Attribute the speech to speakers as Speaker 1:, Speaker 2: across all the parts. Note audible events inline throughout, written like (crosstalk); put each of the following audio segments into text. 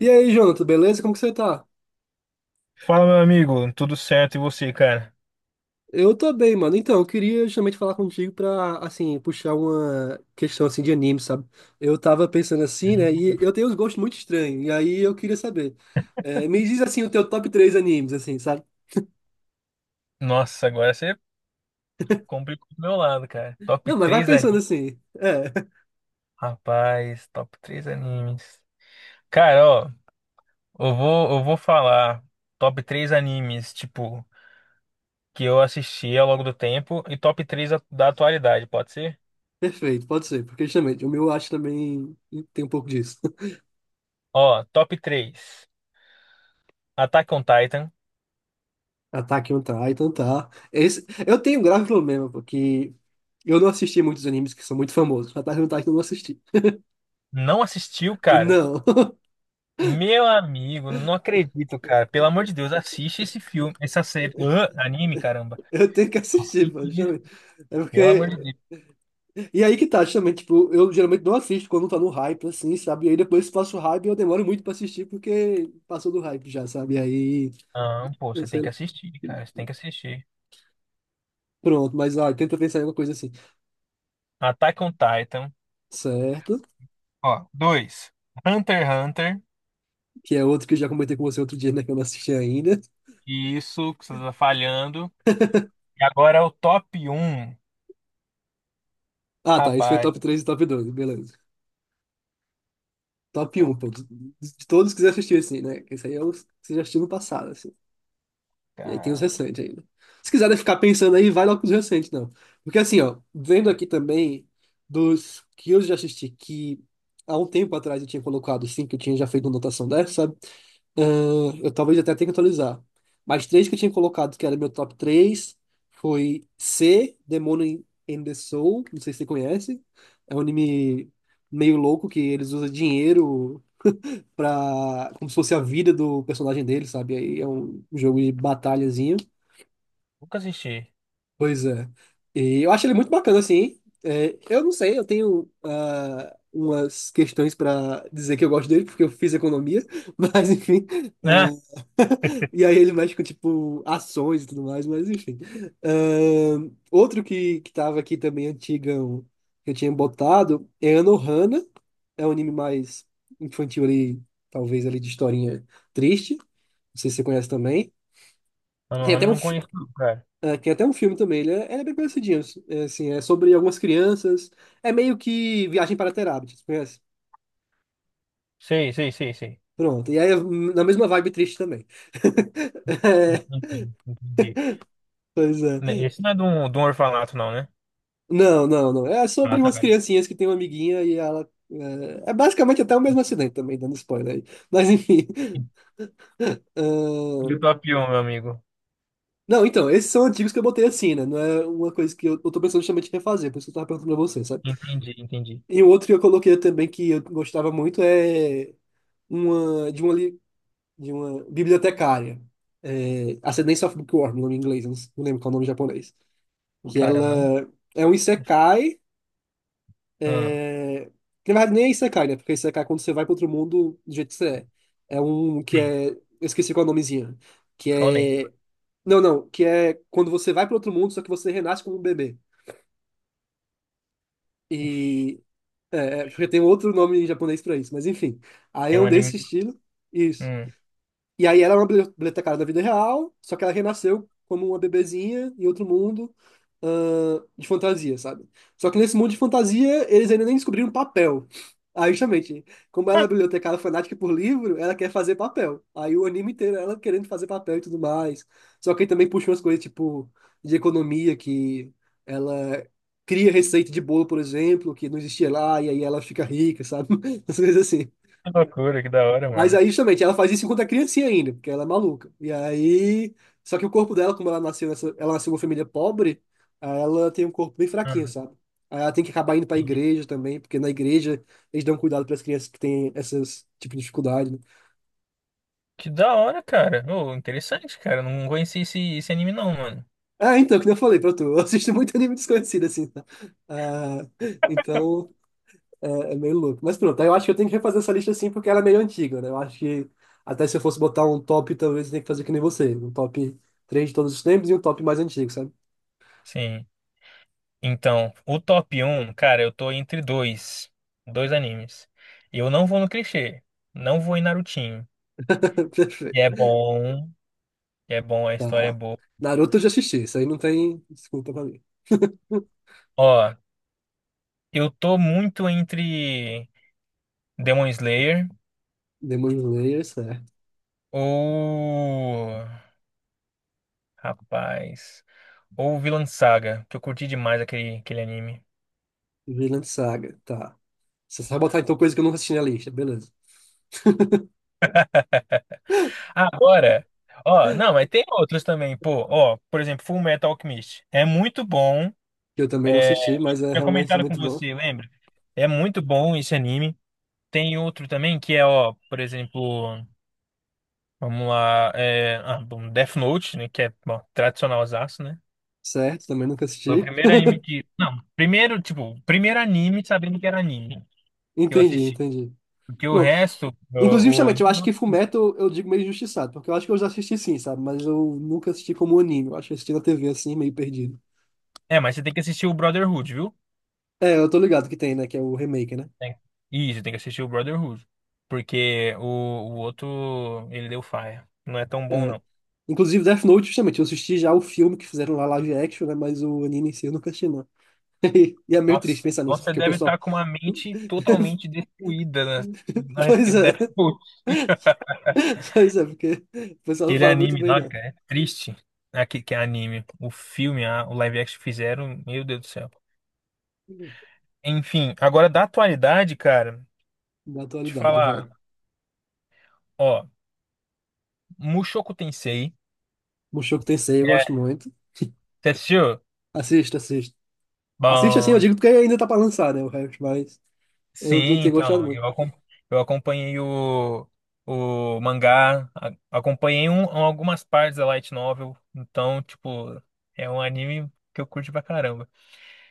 Speaker 1: E aí, Jonathan, beleza? Como que você tá?
Speaker 2: Fala, meu amigo, tudo certo e você, cara?
Speaker 1: Eu tô bem, mano. Então, eu queria justamente falar contigo pra, assim, puxar uma questão, assim, de anime, sabe? Eu tava pensando assim, né? E
Speaker 2: Uhum.
Speaker 1: eu tenho uns gostos muito estranhos. E aí eu queria saber. É, me diz, assim, o teu top 3 animes, assim, sabe?
Speaker 2: Nossa, agora você complicou do meu lado, cara. Top
Speaker 1: Não, mas vai
Speaker 2: 3
Speaker 1: pensando
Speaker 2: animes.
Speaker 1: assim. É, (laughs)
Speaker 2: Rapaz, top 3 animes. Cara, ó, eu vou falar top 3 animes, tipo, que eu assisti ao longo do tempo e top 3 da atualidade, pode ser?
Speaker 1: perfeito, pode ser. Porque justamente, o meu eu acho também tem um pouco disso. (laughs)
Speaker 2: Ó, top 3 Attack on Titan.
Speaker 1: Attack on Titan, tá? Esse, eu tenho um grave problema, porque eu não assisti muitos animes que são muito famosos. Attack on Titan eu não assisti.
Speaker 2: Não assistiu, cara?
Speaker 1: Não.
Speaker 2: Meu amigo, não acredito, cara. Pelo amor de Deus, assiste esse filme, essa série, anime, caramba.
Speaker 1: Eu tenho que assistir, pô,
Speaker 2: Assiste.
Speaker 1: justamente. É
Speaker 2: Pelo amor de
Speaker 1: porque.
Speaker 2: Deus.
Speaker 1: E aí que tá, justamente, tipo, eu geralmente não assisto quando tá no hype, assim, sabe? E aí depois faço hype e eu demoro muito pra assistir porque passou do hype já, sabe? E aí,
Speaker 2: Não, pô,
Speaker 1: eu
Speaker 2: você tem
Speaker 1: sei
Speaker 2: que
Speaker 1: lá.
Speaker 2: assistir, cara. Você tem que assistir.
Speaker 1: Pronto, mas ó, tenta pensar em alguma coisa assim.
Speaker 2: Attack on Titan.
Speaker 1: Certo?
Speaker 2: Ó, dois. Hunter x Hunter.
Speaker 1: Que é outro que eu já comentei com você outro dia, né? Que eu não assisti ainda.
Speaker 2: Isso, que você tá falhando. E agora o top um.
Speaker 1: Ah, tá. Isso foi
Speaker 2: Rapaz,
Speaker 1: top 3 e top dois, beleza. Top
Speaker 2: top,
Speaker 1: um, pô. De todos que você assistiu, assim, né? Esse aí é o que você já assistiu no passado, assim. E aí tem os
Speaker 2: cara.
Speaker 1: recentes ainda. Se quiser ficar pensando aí, vai logo com os recentes, não. Porque assim, ó, vendo aqui também dos que eu já assisti, que há um tempo atrás eu tinha colocado cinco que eu tinha já feito uma anotação dessa, sabe? Eu talvez até tenha que atualizar. Mas três que eu tinha colocado, que era meu top três foi C, Demon in the Soul, não sei se você conhece. É um anime meio louco que eles usam dinheiro pra, como se fosse a vida do personagem dele, sabe? Aí é um jogo de batalhazinha.
Speaker 2: Nunca assisti.
Speaker 1: Pois é. E eu acho ele muito bacana, assim. É, eu não sei, eu tenho umas questões para dizer que eu gosto dele, porque eu fiz economia, (laughs) mas enfim. ah,
Speaker 2: Né?
Speaker 1: (laughs) e aí ele mexe com, tipo, ações e tudo mais, mas enfim. Ah, outro que tava aqui também, antigão, que eu tinha botado, é Anohana. É um anime mais infantil ali, talvez ali de historinha triste. Não sei se você conhece também.
Speaker 2: Eu
Speaker 1: Tem até
Speaker 2: não,
Speaker 1: um
Speaker 2: não conheço, não, cara.
Speaker 1: tem até um filme também, ele é bem parecidinho. É, assim, é sobre algumas crianças. É meio que Viagem para Terabithia, você conhece?
Speaker 2: Sei, sei, sei, sei.
Speaker 1: Pronto. E aí é na mesma vibe triste também. (laughs) É,
Speaker 2: Entendi, entendi.
Speaker 1: pois
Speaker 2: Né,
Speaker 1: é.
Speaker 2: esse não é de um orfanato, não, né?
Speaker 1: Não, não, não. É
Speaker 2: Ah,
Speaker 1: sobre
Speaker 2: tá.
Speaker 1: umas criancinhas que tem uma amiguinha e ela. É basicamente até o mesmo acidente também, dando spoiler aí. (laughs) Mas enfim.
Speaker 2: E o
Speaker 1: ahn,
Speaker 2: top 1, meu amigo.
Speaker 1: Não, então, esses são antigos que eu botei assim, né? Não é uma coisa que eu tô pensando justamente em refazer, por isso que eu tava perguntando pra você, sabe?
Speaker 2: Entendi, entendi.
Speaker 1: E o outro que eu coloquei também que eu gostava muito é uma de uma bibliotecária, é, Ascendance of Bookworm, nome em inglês, eu não lembro qual é o nome em japonês. Que
Speaker 2: Cara, não.
Speaker 1: ela é um isekai,
Speaker 2: Ah,
Speaker 1: é, que na verdade nem é isekai, né? Porque isekai é quando você vai para outro mundo do jeito que você é. É um que
Speaker 2: tem.
Speaker 1: é. Eu esqueci qual é o nomezinho. Que
Speaker 2: Shonen.
Speaker 1: é. Não, não, que é quando você vai para outro mundo, só que você renasce como um bebê.
Speaker 2: Ixi,
Speaker 1: E. É, porque tem outro nome em japonês para isso, mas enfim. Aí
Speaker 2: tem
Speaker 1: é
Speaker 2: um
Speaker 1: um
Speaker 2: anime.
Speaker 1: desse estilo. Isso.
Speaker 2: Hum.
Speaker 1: E aí ela é uma bibliotecária da vida real, só que ela renasceu como uma bebezinha em outro mundo, de fantasia, sabe? Só que nesse mundo de fantasia, eles ainda nem descobriram papel. Aí, justamente, como ela é bibliotecária fanática por livro, ela quer fazer papel. Aí o anime inteiro é ela querendo fazer papel e tudo mais. Só que aí também puxa umas coisas, tipo, de economia, que ela cria receita de bolo, por exemplo, que não existia lá, e aí ela fica rica, sabe? (laughs) Essas coisas assim.
Speaker 2: Que loucura, que da hora,
Speaker 1: Mas
Speaker 2: mano.
Speaker 1: aí, justamente, ela faz isso enquanto é criancinha ainda, porque ela é maluca. E aí. Só que o corpo dela, como ela nasceu nessa, ela nasceu numa família pobre, aí ela tem um corpo bem fraquinho,
Speaker 2: Hum.
Speaker 1: sabe? Aí ela tem que acabar indo pra igreja também, porque na igreja eles dão cuidado para as crianças que têm esses tipo de dificuldade, né?
Speaker 2: Que da hora, cara. Ô, interessante, cara. Não conheci esse anime, não, mano.
Speaker 1: Ah, então, que nem eu falei pra tu, (laughs) eu assisto muito anime desconhecido, assim. Tá? Ah, então. É meio louco. Mas pronto, aí eu acho que eu tenho que refazer essa lista assim, porque ela é meio antiga, né? Eu acho que até se eu fosse botar um top, talvez eu tenha que fazer que nem você. Um top três de todos os tempos e um top mais antigo, sabe?
Speaker 2: Sim. Então, o top um, cara, eu tô entre dois. Dois animes. Eu não vou no clichê. Não vou em Narutinho.
Speaker 1: (laughs) Perfeito.
Speaker 2: E é bom. E é bom, a história é
Speaker 1: Tá.
Speaker 2: boa.
Speaker 1: Naruto eu já assisti, isso aí não tem desculpa pra mim.
Speaker 2: Ó, eu tô muito entre Demon Slayer
Speaker 1: Demon Slayer, certo.
Speaker 2: ou. Rapaz. Ou Vinland Saga, que eu curti demais aquele anime.
Speaker 1: Vinland Saga, tá. Você vai botar então coisa que eu nunca assisti na lista, beleza.
Speaker 2: Agora, ó, não, mas tem outros também, pô, ó, por exemplo, Full Metal Alchemist. É muito bom,
Speaker 1: Que eu também não
Speaker 2: é,
Speaker 1: assisti, mas é
Speaker 2: tinha
Speaker 1: realmente
Speaker 2: comentado com
Speaker 1: muito bom.
Speaker 2: você, lembra? É muito bom esse anime. Tem outro também que é, ó, por exemplo, vamos lá, é, ah, bom, Death Note, né, que é, bom, tradicionalzaço, né?
Speaker 1: Certo, também nunca
Speaker 2: Foi o
Speaker 1: assisti.
Speaker 2: primeiro anime que, não, primeiro, tipo, primeiro anime sabendo que era anime que eu
Speaker 1: Entendi,
Speaker 2: assisti.
Speaker 1: entendi.
Speaker 2: Porque o
Speaker 1: Pronto.
Speaker 2: resto,
Speaker 1: Inclusive, justamente, eu acho que Fullmetal eu digo meio injustiçado, porque eu acho que eu já assisti sim, sabe? Mas eu nunca assisti como anime, eu acho que eu assisti na TV assim, meio perdido.
Speaker 2: mas você tem que assistir o Brotherhood, viu?
Speaker 1: É, eu tô ligado que tem, né? Que é o remake, né?
Speaker 2: Tem- Isso, tem que assistir o Brotherhood. Porque o outro, ele deu faia. Não é tão bom,
Speaker 1: É.
Speaker 2: não.
Speaker 1: Inclusive, Death Note, justamente, eu assisti já o filme que fizeram lá live action, né? Mas o anime em si eu nunca assisti, não. (laughs) E é meio triste
Speaker 2: Nossa,
Speaker 1: pensar
Speaker 2: então
Speaker 1: nisso,
Speaker 2: você
Speaker 1: porque o
Speaker 2: deve estar
Speaker 1: pessoal.
Speaker 2: com uma mente
Speaker 1: (laughs)
Speaker 2: totalmente destruída a
Speaker 1: Pois
Speaker 2: respeito do
Speaker 1: é,
Speaker 2: Deathloop.
Speaker 1: (laughs) pois é, porque o pessoal não
Speaker 2: Aquele
Speaker 1: fala muito
Speaker 2: anime
Speaker 1: bem,
Speaker 2: lá,
Speaker 1: não.
Speaker 2: cara, é triste. Aqui que é anime. O filme, o live action que fizeram, meu Deus do céu. Enfim, agora da atualidade, cara,
Speaker 1: Na
Speaker 2: te
Speaker 1: atualidade, vai.
Speaker 2: falar, ó, Mushoku Tensei.
Speaker 1: Mushoku Tensei, eu gosto
Speaker 2: É,
Speaker 1: muito.
Speaker 2: você assistiu?
Speaker 1: Assista, assista. Assista assim, eu
Speaker 2: Bom.
Speaker 1: digo porque ainda tá pra lançar, né? O resto, mas eu não
Speaker 2: Sim,
Speaker 1: tenho gostado
Speaker 2: então,
Speaker 1: muito.
Speaker 2: eu acompanhei o mangá, acompanhei algumas partes da light novel, então, tipo, é um anime que eu curto pra caramba.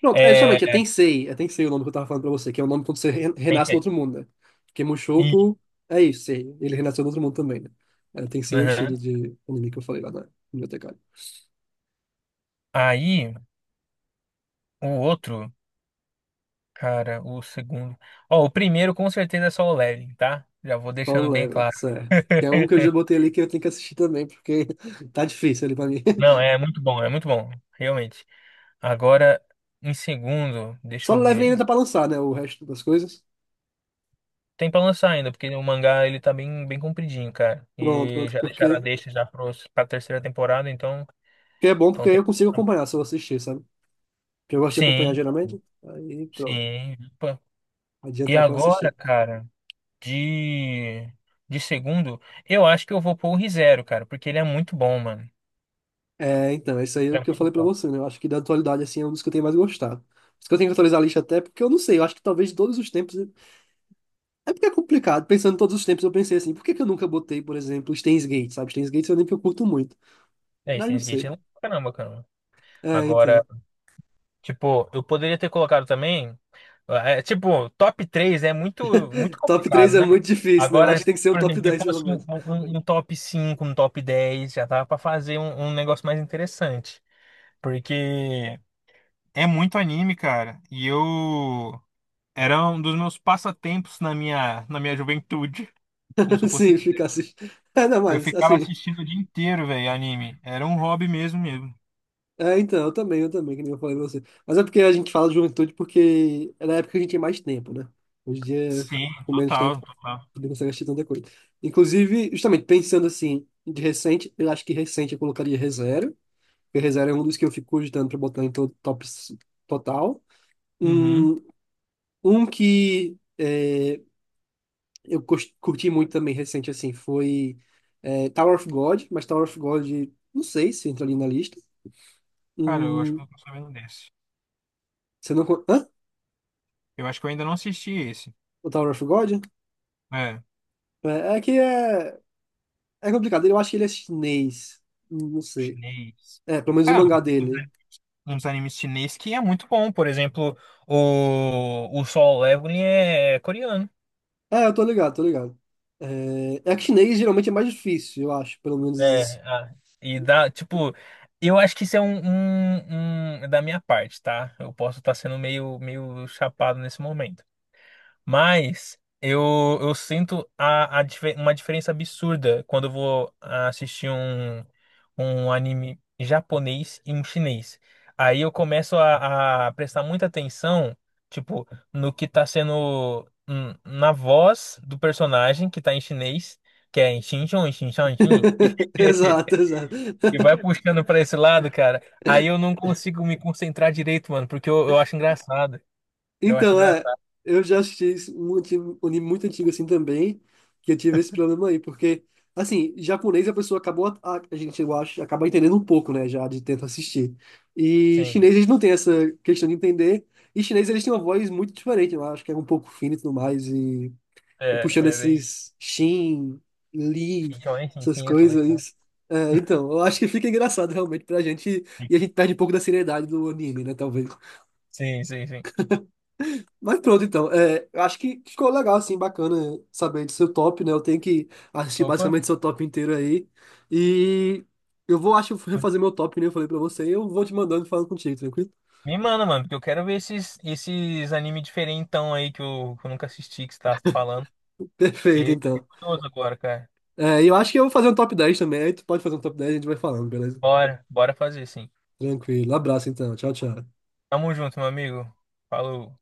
Speaker 1: Pronto, é
Speaker 2: É,
Speaker 1: justamente, é Tensei o nome que eu tava falando pra você, que é o nome quando você renasce no
Speaker 2: pensei.
Speaker 1: outro mundo, né? Porque
Speaker 2: E,
Speaker 1: Mushoku é isso, sei, ele renasceu no outro mundo também, né? É, Tensei é o
Speaker 2: aham.
Speaker 1: estilo de anime que eu falei lá na biblioteca.
Speaker 2: Aí, o outro, cara, o segundo. Ó, o primeiro com certeza é só o Leveling, tá? Já vou
Speaker 1: Solo
Speaker 2: deixando bem
Speaker 1: Leveling,
Speaker 2: claro.
Speaker 1: certo. Que é um que eu já
Speaker 2: (laughs)
Speaker 1: botei ali que eu tenho que assistir também, porque (laughs) tá difícil ali pra mim.
Speaker 2: Não,
Speaker 1: (laughs)
Speaker 2: é muito bom, realmente. Agora, em segundo, deixa eu
Speaker 1: Solo Leveling
Speaker 2: ver.
Speaker 1: ainda tá pra lançar, né, o resto das coisas.
Speaker 2: Tem pra lançar ainda, porque o mangá ele tá bem, bem compridinho, cara.
Speaker 1: Pronto,
Speaker 2: E
Speaker 1: pronto,
Speaker 2: já deixaram a
Speaker 1: porque...
Speaker 2: deixa já pra terceira temporada, então,
Speaker 1: que é bom porque
Speaker 2: então
Speaker 1: aí
Speaker 2: tem.
Speaker 1: eu consigo acompanhar se eu assistir, sabe? Porque eu gosto de
Speaker 2: Sim,
Speaker 1: acompanhar geralmente, aí pronto,
Speaker 2: sim. Opa. E
Speaker 1: adiantar pra eu
Speaker 2: agora,
Speaker 1: assistir.
Speaker 2: cara, de, de segundo, eu acho que eu vou pôr o ReZero, cara, porque ele é muito bom, mano.
Speaker 1: É, então, isso aí é o
Speaker 2: Ele
Speaker 1: que eu
Speaker 2: é
Speaker 1: falei
Speaker 2: muito
Speaker 1: pra
Speaker 2: bom.
Speaker 1: você, né? Eu acho que da atualidade, assim, é um dos que eu tenho mais gostado. Por isso que eu tenho que atualizar a lista até, porque eu não sei, eu acho que talvez de todos os tempos. É porque é complicado, pensando em todos os tempos, eu pensei assim, por que que eu nunca botei, por exemplo, Steins Gate, sabe? Steins Gate é um anime que eu curto muito.
Speaker 2: É,
Speaker 1: Mas não
Speaker 2: Steins Gate é
Speaker 1: sei.
Speaker 2: legal pra caramba, cara.
Speaker 1: É,
Speaker 2: Agora,
Speaker 1: então.
Speaker 2: tipo, eu poderia ter colocado também. Tipo, top 3 é muito, muito
Speaker 1: Top
Speaker 2: complicado,
Speaker 1: 3 é
Speaker 2: né?
Speaker 1: muito difícil, né? Eu acho
Speaker 2: Agora,
Speaker 1: que tem que ser um
Speaker 2: por
Speaker 1: top
Speaker 2: exemplo,
Speaker 1: dez pelo
Speaker 2: depois um,
Speaker 1: menos.
Speaker 2: um- um um top 5, um top 10, já tava pra fazer um negócio mais interessante. Porque é muito anime, cara. E eu. Era um dos meus passatempos na minha juventude. Como se
Speaker 1: (laughs)
Speaker 2: eu
Speaker 1: Sim,
Speaker 2: fosse.
Speaker 1: ficar assim. Ainda
Speaker 2: Eu
Speaker 1: mais,
Speaker 2: ficava
Speaker 1: assim.
Speaker 2: assistindo o dia inteiro, velho, anime. Era um hobby mesmo mesmo.
Speaker 1: É, então, eu também, que nem eu falei pra você. Mas é porque a gente fala de juventude porque é na época que a gente tem mais tempo, né? Hoje em dia,
Speaker 2: Sim,
Speaker 1: com menos tempo.
Speaker 2: total, total.
Speaker 1: Poder consegue assistir tanta coisa. Inclusive, justamente pensando assim, de recente, eu acho que recente eu colocaria ReZero, porque ReZero é um dos que eu fico cogitando pra botar em todo top total.
Speaker 2: Uhum.
Speaker 1: Um, um que é, eu curti muito também recente assim foi Tower of God, mas Tower of God, não sei se entra ali na lista.
Speaker 2: Cara, eu acho
Speaker 1: Hum,
Speaker 2: que eu não tô sabendo desse.
Speaker 1: você não. Hã?
Speaker 2: Eu acho que eu ainda não assisti esse.
Speaker 1: O Tower of God?
Speaker 2: É,
Speaker 1: É, é que é, é complicado, eu acho que ele é chinês, não sei.
Speaker 2: chinês.
Speaker 1: É, pelo menos o
Speaker 2: Cara,
Speaker 1: mangá
Speaker 2: mas tem
Speaker 1: dele.
Speaker 2: uns animes chinês que é muito bom. Por exemplo, o Solo Leveling é coreano.
Speaker 1: É, eu tô ligado, tô ligado. É que chinês geralmente é mais difícil, eu acho, pelo menos isso.
Speaker 2: É, ah, e dá, tipo, eu acho que isso é da minha parte, tá? Eu posso estar sendo meio, meio chapado nesse momento. Mas eu sinto uma diferença absurda quando eu vou assistir um anime japonês e um chinês. Aí eu começo a prestar muita atenção, tipo, no que tá sendo na voz do personagem que tá em chinês, que é em xin chon, xin chon, xin.
Speaker 1: (laughs) Exato,
Speaker 2: (laughs)
Speaker 1: exato.
Speaker 2: E vai puxando pra esse lado, cara. Aí eu não consigo me concentrar direito, mano, porque eu acho engraçado. Eu acho
Speaker 1: Então, é,
Speaker 2: engraçado.
Speaker 1: eu já assisti isso, um um anime muito antigo assim também, que eu tive esse problema aí, porque, assim, japonês a pessoa acabou, a gente, eu acho, acaba entendendo um pouco, né, já de tanto assistir. E
Speaker 2: Sim,
Speaker 1: chinês eles não têm essa questão de entender, e chinês eles têm uma voz muito diferente, eu acho que é um pouco fina e tudo mais, e
Speaker 2: é,
Speaker 1: puxando
Speaker 2: é bem
Speaker 1: esses Shin, Lee,
Speaker 2: Quinhões, sim,
Speaker 1: essas
Speaker 2: quinhentões, tá?
Speaker 1: coisas. É, então, eu acho que fica engraçado realmente pra gente, e a gente perde um pouco da seriedade do anime, né, talvez.
Speaker 2: Sim, sim, sim.
Speaker 1: Mas pronto, então, é, eu acho que ficou legal, assim, bacana saber do seu top, né, eu tenho que assistir
Speaker 2: Opa.
Speaker 1: basicamente seu top inteiro aí, e eu vou, acho, refazer meu top, que nem eu falei pra você, e eu vou te mandando e falando contigo, tranquilo?
Speaker 2: Me manda, mano, porque eu quero ver esses anime diferentão aí que eu nunca assisti, que você tá falando.
Speaker 1: (laughs) Perfeito,
Speaker 2: E fico
Speaker 1: então.
Speaker 2: curioso agora, cara.
Speaker 1: É, e eu acho que eu vou fazer um top 10 também, aí tu pode fazer um top 10, e a gente vai falando, beleza?
Speaker 2: Bora, bora fazer, sim.
Speaker 1: Tranquilo, abraço então, tchau, tchau.
Speaker 2: Tamo junto, meu amigo. Falou.